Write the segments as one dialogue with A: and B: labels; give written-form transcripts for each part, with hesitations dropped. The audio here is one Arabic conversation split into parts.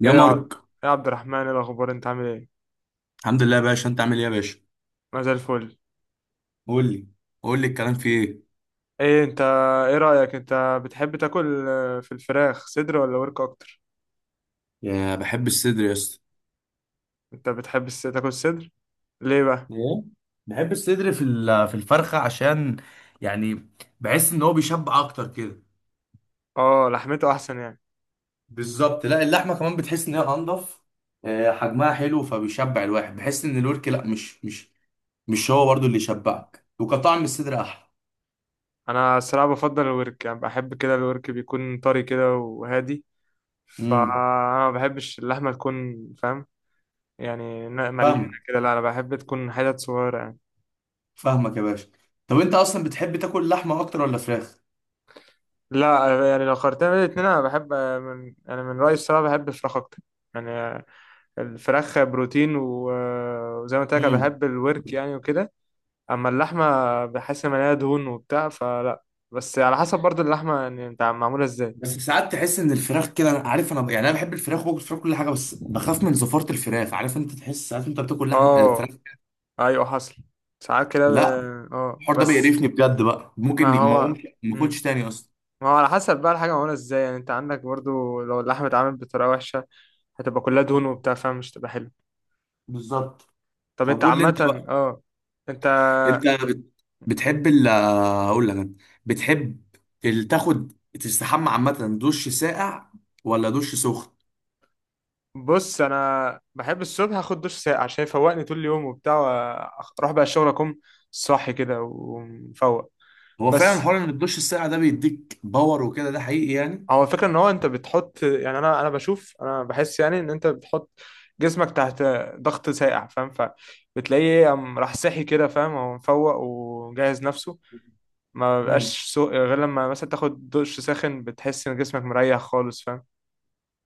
A: يا
B: ايه، إيه
A: مارك.
B: يا عبد الرحمن، ايه الاخبار؟ انت عامل ايه؟
A: الحمد لله يا باشا، انت عامل ايه يا باشا؟
B: ما زي الفل.
A: قول لي قول لي الكلام في ايه؟
B: ايه انت ايه رايك، انت بتحب تاكل في الفراخ صدر ولا ورك اكتر؟
A: يا بحب الصدر يا اسطى.
B: انت بتحب تاكل صدر؟ ليه بقى؟
A: ايه، بحب الصدر في في الفرخه، عشان يعني بحس ان هو بيشبع اكتر كده.
B: اه، لحمته احسن يعني.
A: بالظبط، لا اللحمه كمان بتحس ان هي انضف. حجمها حلو فبيشبع الواحد، بحس ان الورك لا مش هو برضو اللي يشبعك، وكطعم الصدر احلى.
B: انا الصراحه بفضل الورك، يعني بحب كده الورك بيكون طري كده وهادي،
A: امم
B: فانا ما بحبش اللحمه تكون، فاهم؟ يعني مليانه
A: فاهمك
B: كده. لا انا بحب تكون حتت صغيره يعني.
A: فاهمك يا باشا. طب انت اصلا بتحب تاكل لحمه اكتر ولا فراخ؟
B: لا يعني، لو قارنتها بين الاتنين، انا بحب من يعني، من رايي الصراحه بحب الفراخ اكتر. يعني الفراخ بروتين وزي ما قلت لك أنا
A: امم
B: بحب الورك يعني وكده. اما اللحمه، بحس ان هي دهون وبتاع فلا. بس على حسب برضو اللحمه، يعني انت معموله ازاي.
A: بس ساعات تحس ان الفراخ كده، أنا عارف، انا انا بحب الفراخ وباكل فراخ كل حاجه، بس بخاف من زفاره الفراخ. عارف، انت تحس ساعات انت بتاكل لحم
B: اه،
A: فراخ.
B: ايوه حصل. ساعات كده
A: لا
B: اه،
A: الحوار ده
B: بس.
A: بيقرفني بجد، بقى
B: ما
A: ممكن ما
B: هو.
A: اقومش ما
B: مم.
A: اكلش تاني اصلا.
B: ما هو على حسب بقى الحاجه معموله ازاي، يعني انت عندك برضو لو اللحمه اتعملت بطريقه وحشه، هتبقى كلها دهون
A: مم.
B: وبتاع، فمش تبقى حلو.
A: بالظبط.
B: طب
A: طب
B: انت
A: قول لي انت
B: عامه،
A: بقى.
B: اه، انت.
A: انت
B: مم.
A: بتحب ال اقول لك أنا. بتحب تاخد تستحمى عامه، دش ساقع ولا دش سخن؟
B: بص، انا بحب الصبح اخد دش ساقع عشان يفوقني طول اليوم وبتاع، اروح بقى الشغل، اكون صاحي كده ومفوق.
A: هو فعلا
B: بس
A: حوار ان الدش الساقع ده بيديك باور وكده، ده حقيقي يعني.
B: هو الفكره ان هو انت بتحط، يعني انا بشوف، انا بحس يعني ان انت بتحط جسمك تحت ضغط ساقع، فاهم؟ فبتلاقيه قام راح صاحي كده، فاهم، هو مفوق وجهز نفسه. ما
A: مم.
B: بقاش سوق غير لما مثلا تاخد دش ساخن، بتحس ان جسمك مريح خالص، فاهم.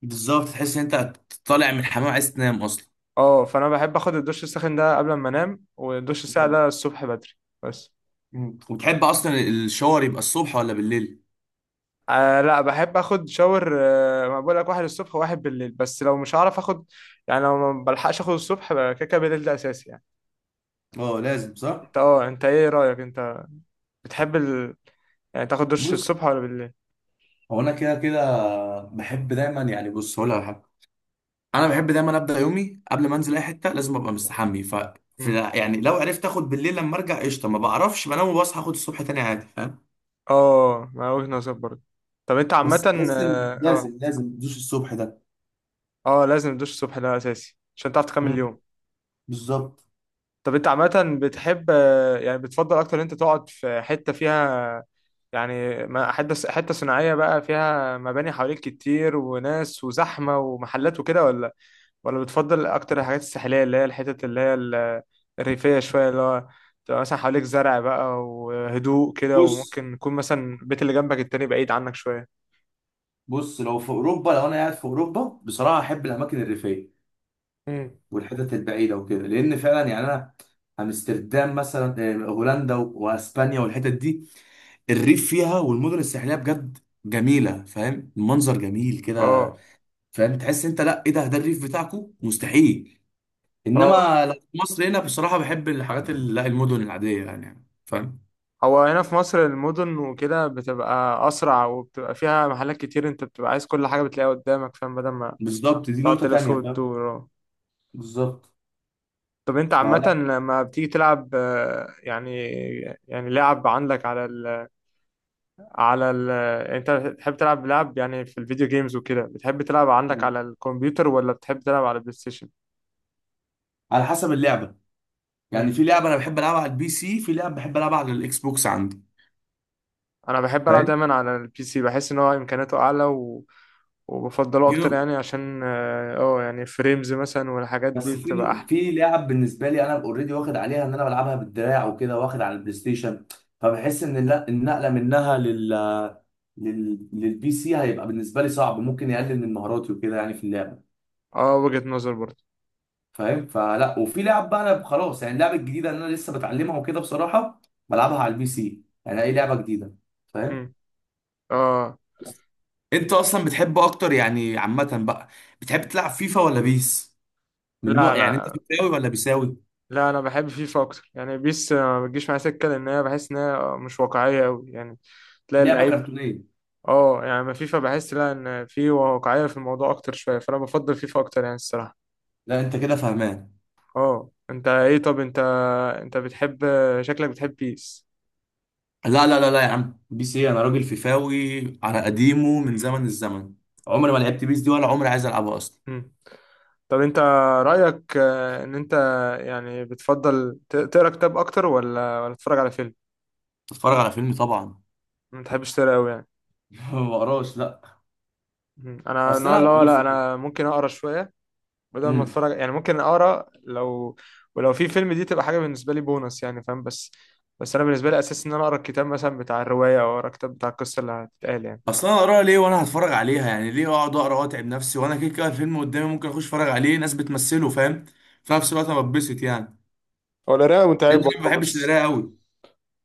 A: بالظبط، تحس ان انت طالع من الحمام عايز تنام اصلا.
B: اه، فانا بحب اخد الدش الساخن ده قبل ما انام، والدش الساقع
A: مم.
B: ده الصبح بدري. بس.
A: مم. وتحب اصلا الشاور يبقى الصبح ولا بالليل؟
B: آه، لا بحب اخد شاور، ما بقول لك، واحد الصبح وواحد بالليل، بس لو مش هعرف اخد، يعني لو ما بلحقش اخد الصبح، بقى كده كده بالليل ده اساسي يعني.
A: اه لازم، صح.
B: انت ايه رايك، انت بتحب ال... يعني تاخد دش
A: بص،
B: الصبح ولا بالليل؟
A: هو انا كده كده بحب دايما، يعني بص هقول لك على حاجه، انا بحب دايما ابدا يومي قبل ما انزل اي حته لازم ابقى مستحمي. ف في
B: مم.
A: يعني لو عرفت اخد بالليل لما ارجع قشطه، ما بعرفش، بنام وبصحى اخد الصبح تاني عادي. فاهم؟
B: اه، ما وجهة نظر برضه. طب انت عامه،
A: بس تحس
B: اه
A: ان
B: اه.
A: لازم تدوس الصبح ده.
B: لازم تدوش الصبح ده اساسي عشان تعرف تكمل
A: مم.
B: اليوم.
A: بالظبط.
B: طب انت عامة، بتحب يعني بتفضل اكتر انت تقعد في حتة فيها، يعني حتة صناعية بقى فيها مباني حواليك كتير وناس وزحمة ومحلات وكده، ولا بتفضل اكتر الحاجات الساحلية اللي هي الحتت اللي هي الريفية شوية، اللي هو تبقى مثلا حواليك زرع بقى وهدوء كده،
A: بص
B: وممكن يكون مثلا البيت اللي جنبك التاني بعيد عنك شوية.
A: بص لو في اوروبا، لو انا قاعد في اوروبا بصراحه احب الاماكن الريفيه
B: مم.
A: والحتت البعيده وكده، لان فعلا يعني انا، امستردام مثلا هولندا واسبانيا والحتت دي، الريف فيها والمدن الساحليه بجد جميله. فاهم؟ المنظر جميل كده.
B: اه
A: فاهم؟ تحس انت لا ايه ده، ده الريف بتاعكو، مستحيل.
B: اه.
A: انما لو في مصر هنا بصراحه بحب الحاجات لا المدن العاديه يعني. فاهم؟
B: هو هنا في مصر المدن وكده بتبقى أسرع، وبتبقى فيها محلات كتير، أنت بتبقى عايز كل حاجة بتلاقيها قدامك، فاهم؟ بدل ما
A: بالظبط، دي
B: تقعد
A: نقطه
B: تلف
A: تانية. فاهم؟
B: وتدور، اه.
A: بالظبط.
B: طب أنت عامة
A: فلا،
B: لما بتيجي تلعب، يعني، يعني لعب عندك على ال على ال أنت بتحب تلعب لعب يعني في الفيديو جيمز وكده، بتحب تلعب عندك على الكمبيوتر ولا بتحب تلعب على البلاي ستيشن؟
A: على حسب اللعبه، يعني
B: مم.
A: في لعبه انا بحب العبها على البي سي، في لعبه بحب العبها على الاكس بوكس عندي.
B: أنا بحب ألعب
A: فاهم؟
B: دايما على البي سي، بحس إن هو إمكانياته أعلى، و وبفضله
A: دي
B: أكتر يعني عشان يعني فريمز مثلا والحاجات دي
A: بس
B: بتبقى
A: في
B: أحلى.
A: لعب بالنسبه لي انا اوريدي واخد عليها ان انا بلعبها بالدراع وكده واخد على البلاي ستيشن، فبحس ان النقله منها لل لل للبي سي هيبقى بالنسبه لي صعب، ممكن يقلل من مهاراتي وكده يعني في اللعبه.
B: اه، وجهة نظر برضه.
A: فاهم؟ فلا وفي لعب بقى انا خلاص، يعني اللعبه الجديده اللي انا لسه بتعلمها وكده بصراحه بلعبها على البي سي يعني، اي لعبه جديده. فاهم؟
B: امم. اه.
A: انت اصلا بتحب اكتر يعني عامه بقى، بتحب تلعب فيفا ولا بيس؟ من
B: لا
A: نوع يعني انت
B: لا
A: فيفاوي ولا بيساوي؟
B: لا، انا بحب فيفا اكتر، يعني بيس ما بتجيش معايا سكه، لان انا بحس انها مش واقعيه قوي يعني، تلاقي
A: لعبه
B: اللعيب.
A: كرتونيه،
B: اه يعني، ما فيفا بحس لا ان في واقعيه في الموضوع اكتر شويه، فانا بفضل فيفا اكتر يعني الصراحه.
A: لا انت كده فاهمان.
B: اه، انت ايه؟ طب انت، انت بتحب، شكلك بتحب بيس؟
A: لا لا لا لا يا عم، بيس ايه؟ انا راجل فيفاوي على قديمه من
B: مم.
A: زمن الزمن. عمري ما لعبت بيس دي ولا عمري عايز العبها اصلا.
B: مم. طب انت رايك ان انت يعني بتفضل تقرا كتاب اكتر، ولا تتفرج على فيلم؟
A: اتفرج على فيلم طبعا
B: ما بتحبش تقرا قوي يعني.
A: ما بقراش، لا.
B: مم. انا
A: اصل
B: النوع
A: انا
B: اللي هو،
A: بص.
B: لا انا ممكن اقرا شويه بدل ما
A: امم
B: اتفرج يعني، ممكن اقرا، لو ولو في فيلم دي تبقى حاجه بالنسبه لي بونص يعني، فاهم؟ بس انا بالنسبه لي، اساس ان انا اقرا الكتاب مثلا بتاع الروايه، او اقرا الكتاب بتاع القصه اللي هتتقال يعني.
A: اصل انا اقراها ليه وانا هتفرج عليها؟ يعني ليه اقعد اقرا واتعب نفسي وانا كده كده الفيلم قدامي، ممكن اخش اتفرج عليه، ناس بتمثله. فاهم؟ في نفس الوقت انا بتبسط يعني،
B: هو القراية
A: لان
B: متعبة
A: انا ما
B: اه،
A: بحبش
B: بس
A: القرايه قوي.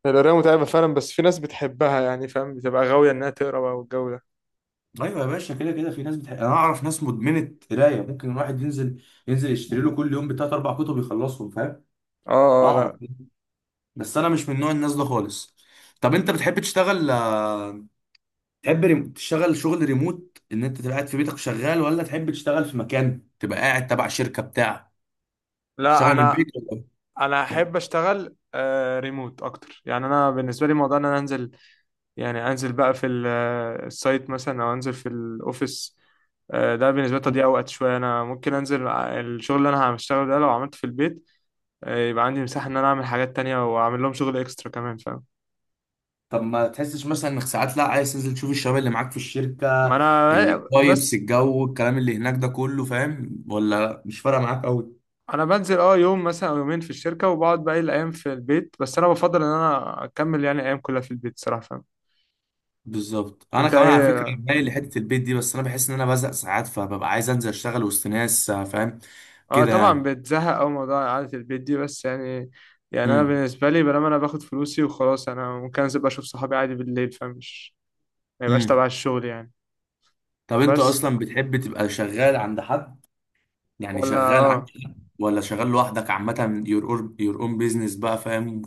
B: هي القراية متعبة فعلا، بس في ناس بتحبها يعني، فاهم؟ بتبقى غاوية إنها تقرا بقى والجو ده.
A: ايوه يا باشا، كده كده في ناس انا اعرف ناس مدمنه قرايه، ممكن الواحد ينزل يشتري له كل يوم بتلات اربع كتب يخلصهم. فاهم؟
B: اه اه،
A: اعرف.
B: لا
A: بس انا مش من نوع الناس ده خالص. طب انت بتحب تشتغل تحب تشتغل شغل ريموت ان انت تبقى قاعد في بيتك شغال، ولا تحب تشتغل في مكان تبقى قاعد تبع شركة بتاع،
B: لا،
A: تشتغل من
B: انا
A: البيت ولا؟
B: انا احب اشتغل ريموت اكتر، يعني انا بالنسبه لي موضوع ان انا انزل، يعني انزل بقى في السايت مثلا، او انزل في الاوفيس، ده بالنسبه لي
A: إيه؟
B: تضييع وقت شويه، انا ممكن انزل الشغل اللي انا هشتغله ده لو عملته في البيت، يبقى عندي مساحه ان انا اعمل حاجات تانية، واعمل لهم شغل اكسترا كمان، فاهم.
A: طب ما تحسش مثلا انك ساعات لا عايز تنزل تشوف الشباب اللي معاك في
B: ما
A: الشركة،
B: انا
A: الفايبس
B: بس
A: الجو الكلام اللي هناك ده كله. فاهم؟ ولا مش فارقة معاك قوي؟
B: انا بنزل اه يوم مثلا او يومين في الشركه، وبقعد باقي الايام في البيت، بس انا بفضل ان انا اكمل يعني الايام كلها في البيت صراحه، فاهم.
A: بالظبط، انا
B: انت
A: كمان على فكره
B: ايه؟
A: مايل لحته البيت دي، بس انا بحس ان انا بزهق ساعات، فببقى عايز انزل اشتغل وسط ناس فاهم،
B: اه
A: كده
B: طبعا
A: يعني.
B: بتزهق أوي موضوع إعادة البيت دي، بس يعني، يعني أنا
A: امم
B: بالنسبة لي، بلما أنا باخد فلوسي وخلاص، أنا ممكن أنزل بقى أشوف صحابي عادي بالليل، فمش ما يبقاش
A: امم.
B: تبع الشغل يعني.
A: طب انت
B: بس.
A: اصلا بتحب تبقى شغال عند حد؟ يعني
B: ولا
A: شغال
B: اه.
A: عند حد ولا شغال لوحدك عامة your own business بقى؟ فاهم؟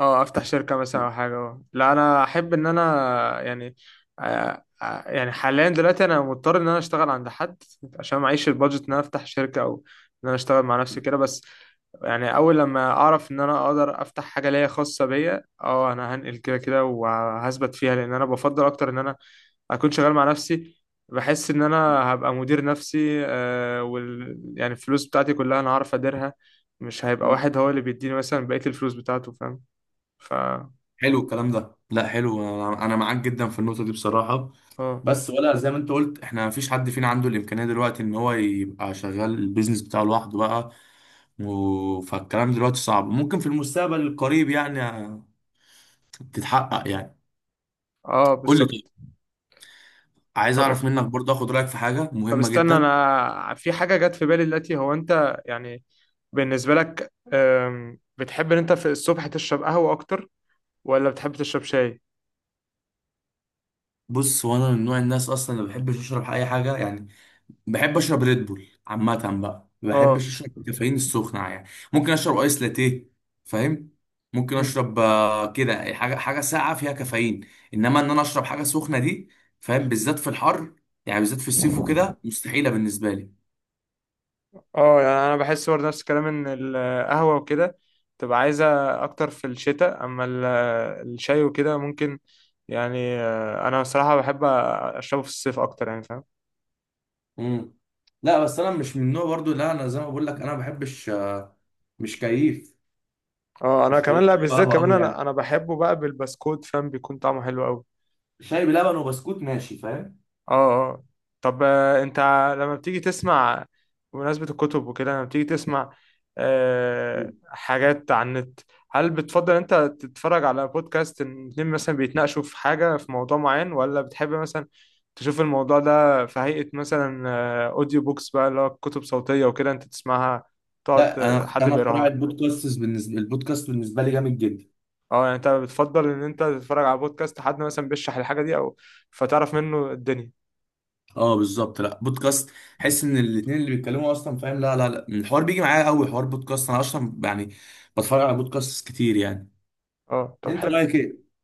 B: اه أفتح شركة مثلا أو حاجة، اه، لا أنا أحب إن أنا يعني يعني حاليا دلوقتي أنا مضطر إن أنا أشتغل عند حد عشان معيش البادجت إن أنا أفتح شركة، أو إن أنا أشتغل مع نفسي كده. بس يعني اول لما اعرف ان انا اقدر افتح حاجه ليا خاصه بيا، اه انا هنقل كده كده وهثبت فيها، لان انا بفضل اكتر ان انا اكون شغال مع نفسي. بحس ان انا هبقى مدير نفسي، آه وال يعني الفلوس بتاعتي كلها انا هعرف اديرها، مش هيبقى واحد هو اللي بيديني مثلا بقيه الفلوس بتاعته، فاهم؟ ف
A: حلو الكلام ده، لا حلو، انا معاك جدا في النقطة دي بصراحة.
B: اه
A: بس ولا زي ما انت قلت احنا مفيش حد فينا عنده الامكانية دلوقتي ان هو يبقى شغال البيزنس بتاعه لوحده بقى. فالكلام دلوقتي صعب، ممكن في المستقبل القريب يعني تتحقق يعني.
B: اه،
A: قول لي
B: بالظبط.
A: طيب، عايز
B: طب
A: اعرف منك برضه، اخد رايك في حاجه
B: طب
A: مهمه
B: استنى،
A: جدا.
B: انا في حاجه جت في بالي دلوقتي، هو انت يعني بالنسبه لك بتحب ان انت في الصبح تشرب قهوه اكتر ولا بتحب تشرب شاي؟
A: بص، وانا من نوع الناس اصلا اللي ما بحبش اشرب اي حاجه يعني، بحب اشرب ريد بول عامه بقى. ما بحبش
B: اه.
A: اشرب الكافيين السخنه يعني، ممكن اشرب ايس لاتيه. فاهم؟ ممكن
B: مم.
A: اشرب كده حاجه ساقعه فيها كافيين، انما ان انا اشرب حاجه سخنه دي، فاهم؟ بالذات في الحر يعني، بالذات في الصيف وكده مستحيله بالنسبه لي.
B: اه يعني انا بحس برضه نفس الكلام، ان القهوه وكده تبقى عايزه اكتر في الشتاء، اما الشاي وكده ممكن، يعني انا بصراحه بحب اشربه في الصيف اكتر يعني، فاهم.
A: امم لا بس انا مش من النوع برضو، لا انا زي ما بقول لك انا ما بحبش مش كيف.
B: اه، انا
A: مش
B: كمان
A: كيف
B: لا،
A: شاي
B: بالذات
A: وقهوه
B: كمان
A: قوي
B: انا
A: يعني،
B: انا بحبه بقى بالبسكوت، فاهم، بيكون طعمه حلو قوي.
A: شاي بلبن وبسكوت ماشي. فاهم؟
B: اه اه. طب انت لما بتيجي تسمع، بمناسبة الكتب وكده، لما بتيجي تسمع حاجات على النت، هل بتفضل انت تتفرج على بودكاست ان اتنين مثلا بيتناقشوا في حاجة في موضوع معين، ولا بتحب مثلا تشوف الموضوع ده في هيئة مثلا اوديو بوكس بقى، اللي هو كتب صوتية وكده انت تسمعها، تقعد
A: لا انا
B: حد
A: انا اختراع
B: بيقراها؟
A: البودكاست، البودكاست بالنسبه لي جامد جدا.
B: اه يعني، انت بتفضل ان انت تتفرج على بودكاست حد مثلا بيشرح الحاجة دي، او فتعرف منه الدنيا.
A: اه بالظبط، لا بودكاست، حس ان الاثنين اللي بيتكلموا اصلا. فاهم؟ لا لا لا، الحوار بيجي معايا قوي، حوار بودكاست انا اصلا يعني بتفرج على بودكاست كتير يعني.
B: اه، طب
A: انت
B: حلو.
A: رايك ايه؟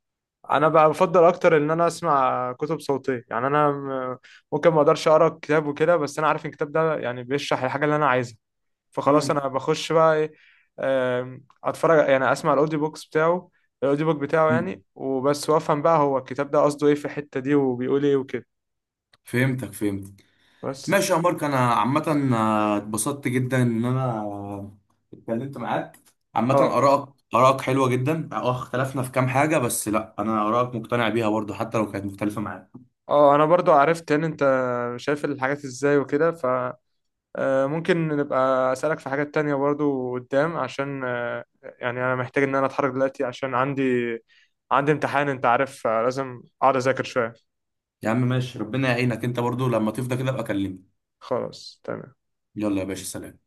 B: انا بقى بفضل اكتر ان انا اسمع كتب صوتيه، يعني انا ممكن ما اقدرش اقرا كتاب وكده، بس انا عارف إن الكتاب ده يعني بيشرح الحاجه اللي انا عايزها، فخلاص
A: مم.
B: انا بخش بقى ايه، اتفرج يعني، اسمع الاوديو بوكس بتاعه، الاوديو بوك بتاعه
A: مم.
B: يعني، وبس وافهم بقى هو الكتاب ده قصده ايه في الحته دي وبيقول ايه وكده.
A: فهمتك.
B: بس.
A: ماشي يا مارك، انا عامه اتبسطت جدا ان انا اتكلمت معاك. عامه
B: اه
A: ارائك حلوه جدا. اه اختلفنا في كام حاجه، بس لا انا ارائك مقتنع بيها برضو حتى لو كانت مختلفه معايا.
B: اه، انا برضو عرفت ان انت شايف الحاجات ازاي وكده، ممكن نبقى أسألك في حاجات تانية برضو قدام، عشان يعني أنا محتاج إن أنا أتحرك دلوقتي عشان عندي امتحان، أنت عارف، لازم أقعد أذاكر شوية.
A: يا عم ماشي، ربنا يعينك، انت برضو لما تفضى كده ابقى كلمني.
B: خلاص تمام.
A: يلا يا باشا، سلام.